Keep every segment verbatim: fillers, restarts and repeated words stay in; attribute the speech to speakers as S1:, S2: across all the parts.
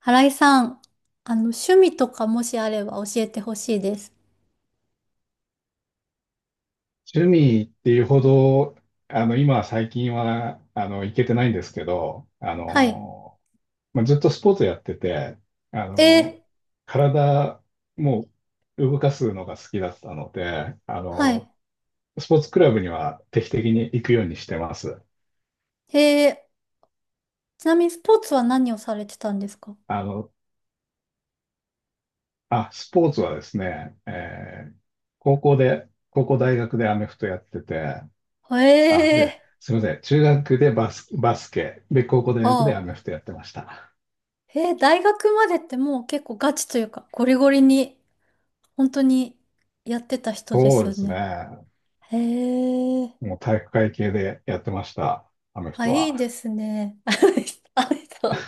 S1: 新井さん、あの、趣味とかもしあれば教えてほしいです。
S2: 趣味っていうほど、あの、今最近は、あの、行けてないんですけど、あ
S1: はい。
S2: の、まあ、ずっとスポーツやってて、あ
S1: えー、
S2: の、体もう動かすのが好きだったので、あ
S1: は
S2: の、
S1: い。
S2: スポーツクラブには定期的に行くようにしてます。
S1: えー、ちなみにスポーツは何をされてたんですか？
S2: あの、あ、スポーツはですね、えー高校で、高校大学でアメフトやってて、あ、で、
S1: え
S2: すみません、中学でバス、バスケ、で、高校大
S1: ー、
S2: 学
S1: あ
S2: でアメフ
S1: あ。
S2: トやってました。
S1: えー、大学までってもう結構ガチというか、ゴリゴリに、本当にやってた人で
S2: そう
S1: す
S2: で
S1: よ
S2: す
S1: ね。
S2: ね。
S1: へえー、
S2: もう体育会系でやってました、アメフ
S1: あ、
S2: ト
S1: いいで
S2: は。
S1: すね。あの人。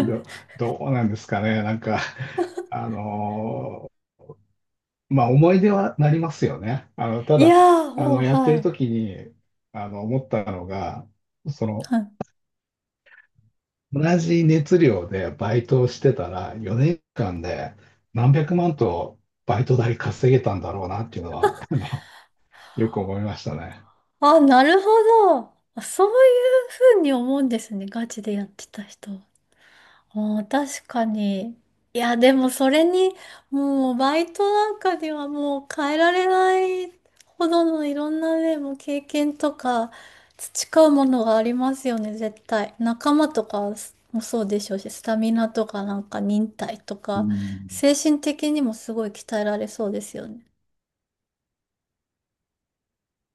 S2: ど、どうなんですかね。なんか、あのーまあ思い出はなりますよね。あの、た
S1: いや
S2: だ、
S1: ー、
S2: あ
S1: もう、
S2: の、やって
S1: は
S2: る
S1: い。
S2: 時に、あの、思ったのが、その、
S1: はい。
S2: 同じ熱量でバイトをしてたら、よねんかんで何百万とバイト代稼げたんだろうなっていうのは、あの、よく思いましたね。
S1: あ、なるほど。あ、そういうふうに思うんですね。ガチでやってた人は。あー、確かに。いや、でもそれに、もうバイトなんかではもう変えられないほどのいろんなね、もう経験とか培うものがありますよね、絶対。仲間とかもそうでしょうし、スタミナとかなんか忍耐と
S2: う
S1: か、
S2: ん、
S1: 精神的にもすごい鍛えられそうですよね。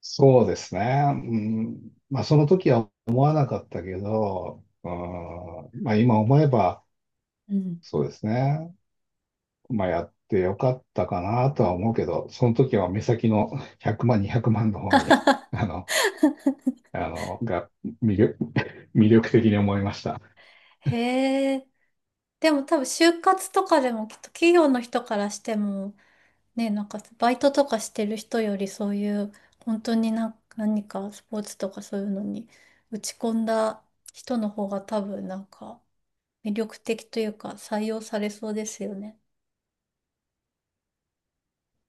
S2: そうですね。うん、まあ、その時は思わなかったけど、うん、まあ、今思えば、
S1: うん。
S2: そうですね。まあ、やってよかったかなとは思うけど、その時は目先のひゃくまん、にひゃくまんの方に、あの、あの、が魅力、魅力的に思いました。
S1: へえ。でも多分就活とかでもきっと企業の人からしても、ね、なんかバイトとかしてる人よりそういう本当にな何かスポーツとかそういうのに打ち込んだ人の方が多分なんか魅力的というか採用されそうですよね。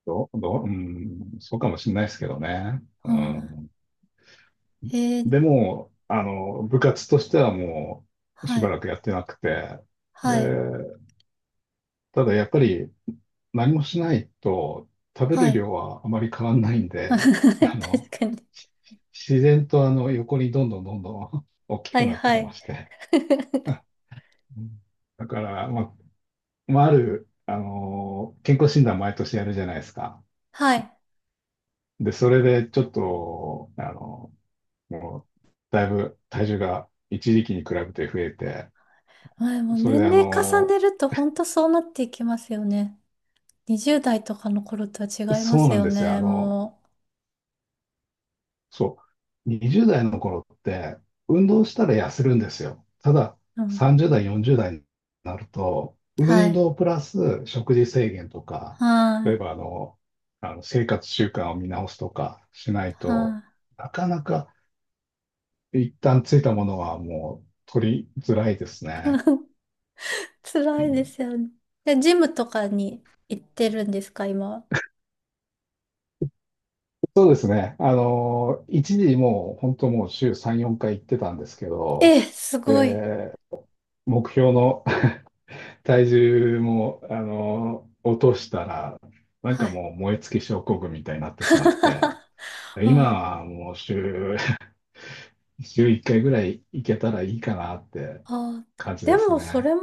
S2: どう、どう、うん、そうかもしれないですけどね。う
S1: うん。
S2: ん、
S1: へえ、
S2: でも、あの、部活としてはもう、
S1: は
S2: しば
S1: い、
S2: らくやってなくて、で、
S1: はい、
S2: ただやっぱり、何もしないと食べ
S1: は
S2: る
S1: い。
S2: 量はあまり変わんないんで、あ
S1: 確
S2: の、
S1: かに。
S2: し自然とあの横にどんどんどんどん 大き
S1: は
S2: く
S1: い、
S2: なって
S1: は
S2: きま
S1: い。
S2: して。うん、だから、まあ、まあ、ある、あの、健康診断毎年やるじゃないですか。
S1: はい。
S2: で、それでちょっと、あの、もう、だいぶ体重が一時期に比べて増えて、
S1: はい。もう
S2: それ
S1: 年
S2: で、あ
S1: 齢重
S2: の、
S1: ねると本当そうなっていきますよね。にじゅう代とかの頃とは違いま
S2: そう
S1: す
S2: なん
S1: よ
S2: ですよ。あ
S1: ね、
S2: の、
S1: も
S2: そう。にじゅう代の頃って、運動したら痩せるんですよ。ただ、
S1: う。うん。
S2: さんじゅう代、よんじゅう代になると、
S1: は
S2: 運
S1: い。
S2: 動プラス食事制限とか、
S1: は
S2: 例え
S1: い。
S2: ばあの、あの生活習慣を見直すとかしない
S1: は
S2: と、
S1: い。
S2: なかなか一旦ついたものはもう取りづらいですね。う
S1: 辛いで
S2: ん、
S1: すよね。で、ジムとかに行ってるんですか、今は。
S2: そうですね。あの、一時もう本当もう週さん、よんかい行ってたんですけ
S1: え
S2: ど、
S1: え、すごい。
S2: で、目標の 体重も、あの、落としたら、なん
S1: は
S2: か
S1: い。
S2: もう燃え尽き症候群みたいになってしまって、今
S1: はい。
S2: はもう週、週いっかいぐらい行けたらいいかなって
S1: あ、
S2: 感じ
S1: で
S2: です
S1: も、それ
S2: ね。
S1: も、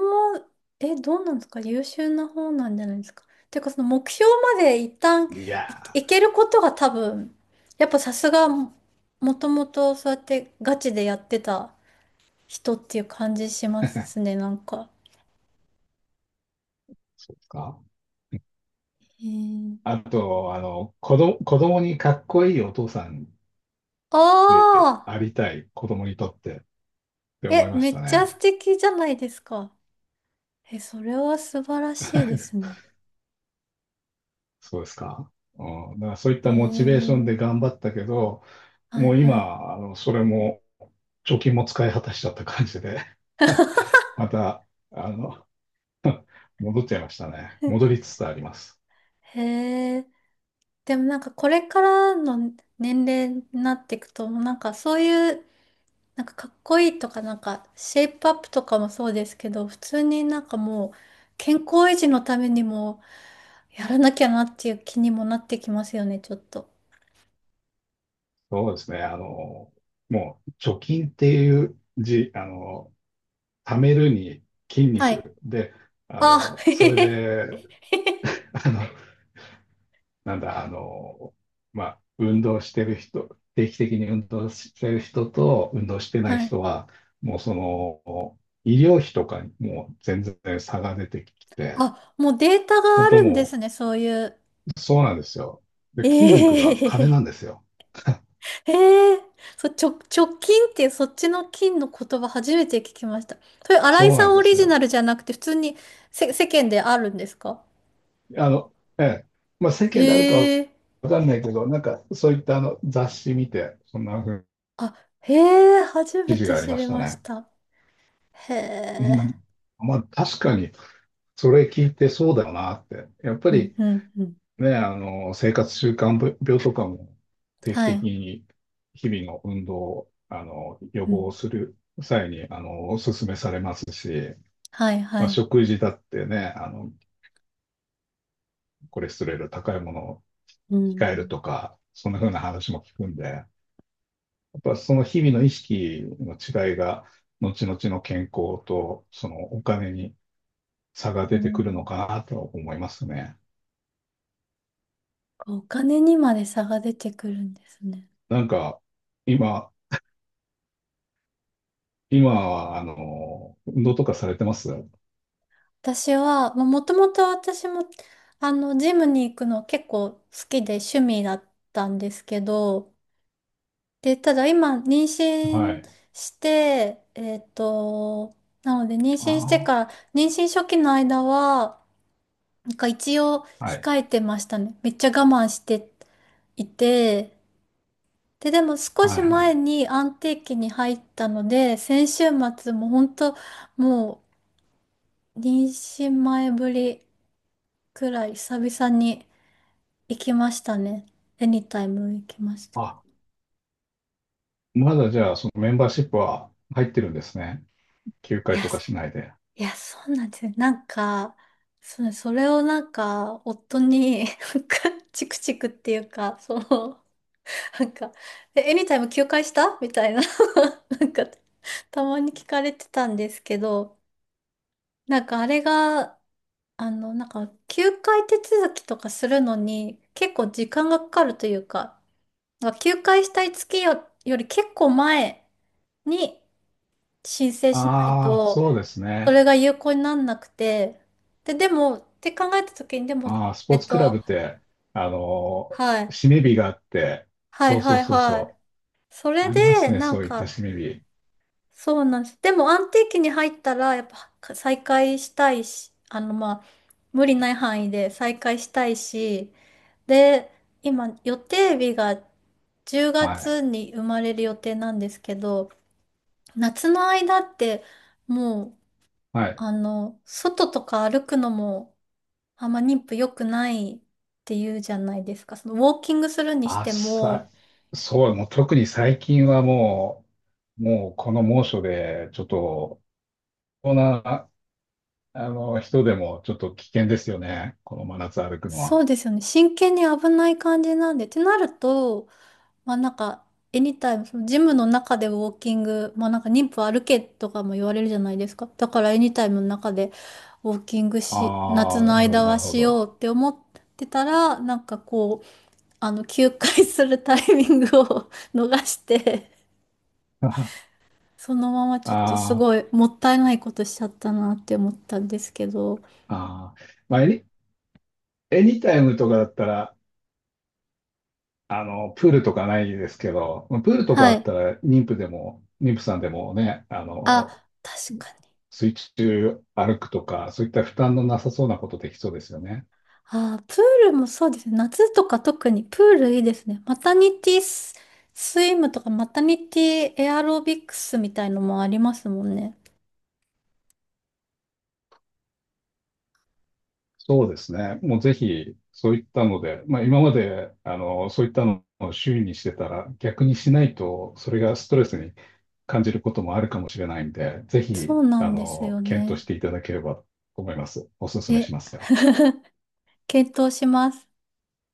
S1: え、どうなんですか？優秀な方なんじゃないですか。ていうか、その目標まで一旦
S2: い
S1: い、
S2: や
S1: い
S2: ー、
S1: けることが多分、やっぱさすが、もともとそうやってガチでやってた人っていう感じしますね、なんか。
S2: そうですか。
S1: へー。
S2: あと、あの、子ど、子供にかっこいいお父さん
S1: あ
S2: で
S1: あ、
S2: ありたい、子供にとってって思い
S1: え、
S2: ま
S1: め
S2: した
S1: っちゃ
S2: ね。
S1: 素敵じゃないですか。え、それは素晴らしいです ね。
S2: そうですか。うん、だからそういっ
S1: へ
S2: たモチベーション
S1: え、
S2: で頑張ったけど、
S1: は
S2: も
S1: い
S2: う
S1: はい。
S2: 今、あの、それも貯金も使い果たしちゃった感じで また、あの、戻っちゃいましたね。戻り つつあります。
S1: へえ、でもなんかこれからの年齢になっていくと、なんかそういう、なんかかっこいいとか、なんかシェイプアップとかもそうですけど、普通になんかもう健康維持のためにもやらなきゃなっていう気にもなってきますよね、ちょっと。
S2: そうですね。あの、もう、貯金っていう字、あの、貯めるに筋
S1: はい。
S2: 肉で、あ
S1: あ、
S2: の、
S1: へへ
S2: それで、
S1: へへ。
S2: あの、なんだ、あの、まあ、運動してる人、定期的に運動してる人と運動してない
S1: はい。
S2: 人は、もう、その、医療費とかにもう全然差が出てきて、
S1: あ、もうデータが
S2: 本
S1: あ
S2: 当
S1: るんで
S2: も
S1: すね、
S2: う
S1: そういう。
S2: そうなんですよ。
S1: え
S2: で、筋肉が金な
S1: え
S2: んですよ。
S1: ええ。そ、直、直近っていうそっちの金の言葉初めて聞きました。それ、新井
S2: そう
S1: さ
S2: なん
S1: んオ
S2: で
S1: リ
S2: す
S1: ジナ
S2: よ。
S1: ルじゃなくて、普通にせ、世間であるんですか？
S2: あの、ええ。まあ、世
S1: え
S2: 間であるか
S1: え。
S2: わかんないけど、なんか、そういったあの雑誌見て、そんな風に
S1: あ、へえ、初
S2: 記
S1: め
S2: 事
S1: て
S2: があり
S1: 知
S2: ま
S1: り
S2: した
S1: まし
S2: ね。
S1: た。へ
S2: う
S1: え。
S2: ん、まあ、確かに、それ聞いてそうだよなって。やっぱ
S1: うん、
S2: り
S1: うん、うん。
S2: ね、あの、生活習慣病とかも定期
S1: は
S2: 的
S1: い。
S2: に日々の運動を、あの、予
S1: うん。
S2: 防する際に、あの、お勧めされますし、
S1: はい、
S2: ま
S1: は
S2: あ、
S1: い。
S2: 食事だってね、あの、コレステロール高いものを
S1: う
S2: 控える
S1: ん。
S2: とか、そんな風な話も聞くんで、やっぱその日々の意識の違いが、後々の健康とそのお金に差が
S1: う
S2: 出てくるの
S1: ん。
S2: かなと思いますね。
S1: お金にまで差が出てくるんですね。
S2: なんか、今、今は、あの、運動とかされてます？
S1: 私は、まあもともと私も、あの、ジムに行くの結構好きで趣味だったんですけど、で、ただ今、妊
S2: は
S1: 娠
S2: い。
S1: して、えっと、なので妊娠して
S2: あ
S1: から、妊娠初期の間は、なんか一応
S2: あ、はい。
S1: 控えてましたね。めっちゃ我慢していて、で、でも少
S2: は
S1: し
S2: いは
S1: 前
S2: い。
S1: に安定期に入ったので、先週末も本当もう妊娠前ぶりくらい久々に行きましたね。エニタイム行きました。
S2: あ、まだじゃあ、そのメンバーシップは入ってるんですね。休
S1: い
S2: 会
S1: や、
S2: とか
S1: そ
S2: しないで。
S1: いや、そうなんですよ。なんか、それ、それをなんか、夫に、なんか、チクチクっていうか、その、なんか、え、エニタイム休会したみたいな、なんか、たまに聞かれてたんですけど、なんかあれが、あの、なんか、休会手続きとかするのに、結構時間がかかるというか、なんか休会したい月よ、より結構前に、申請しない
S2: ああ、
S1: と、
S2: そうです
S1: そ
S2: ね。
S1: れが有効になんなくて、で、でも、って考えたときに、でも、
S2: ああ、スポ
S1: え
S2: ー
S1: っ
S2: ツクラブ
S1: と、
S2: って、あの、
S1: はい、
S2: 締め日があって、
S1: は
S2: そ
S1: い
S2: うそ
S1: は
S2: う
S1: い
S2: そう
S1: はい。
S2: そ
S1: そ
S2: う、
S1: れ
S2: あります
S1: で、
S2: ね、
S1: な
S2: そ
S1: ん
S2: ういった
S1: か、
S2: 締め日。
S1: そうなんです。でも、安定期に入ったら、やっぱ、再開したいし、あの、まあ、無理ない範囲で再開したいし、で、今、予定日が10
S2: はい。
S1: 月に生まれる予定なんですけど、夏の間って、もう、
S2: はい。
S1: あの、外とか歩くのも、あんま妊婦良くないって言うじゃないですか。そのウォーキングするにし
S2: あ、
S1: て
S2: さ、
S1: も、
S2: そう、もう特に最近はもう、もうこの猛暑で、ちょっと、こんな、あの、人でもちょっと危険ですよね、この真夏歩くの
S1: そ
S2: は。
S1: うですよね。真剣に危ない感じなんで。ってなると、まあなんか、エニタイム、そのジムの中でウォーキング、まあなんか妊婦歩けとかも言われるじゃないですか。だからエニタイムの中でウォーキングし、夏
S2: ああ、
S1: の
S2: なるほど、
S1: 間
S2: な
S1: は
S2: るほ
S1: しよ
S2: ど。
S1: うって思ってたら、なんかこう、あの、休会するタイミングを 逃して そのままちょっとす
S2: あ
S1: ご
S2: あ、
S1: いもったいないことしちゃったなって思ったんですけど。
S2: ああ、まあ、エニ、エニタイムとかだったら、あの、プールとかないですけど、プールとか
S1: は
S2: あっ
S1: い。
S2: たら、妊婦でも、妊婦さんでもね、あ
S1: あ、
S2: の、
S1: 確かに。
S2: 水中歩くとか、そういった負担のなさそうなことできそうですよね。
S1: あー、プールもそうですね。夏とか特にプールいいですね。マタニティス、スイムとかマタニティエアロビクスみたいのもありますもんね。
S2: そうですね。もうぜひ、そういったので、まあ今まで、あの、そういったのを周囲にしてたら、逆にしないと、それがストレスに感じることもあるかもしれないんで、ぜひ、
S1: そうな
S2: あ
S1: んです
S2: の、
S1: よ
S2: 検討
S1: ね。
S2: していただければと思います。お勧めし
S1: え、
S2: ますよ。
S1: 検討します。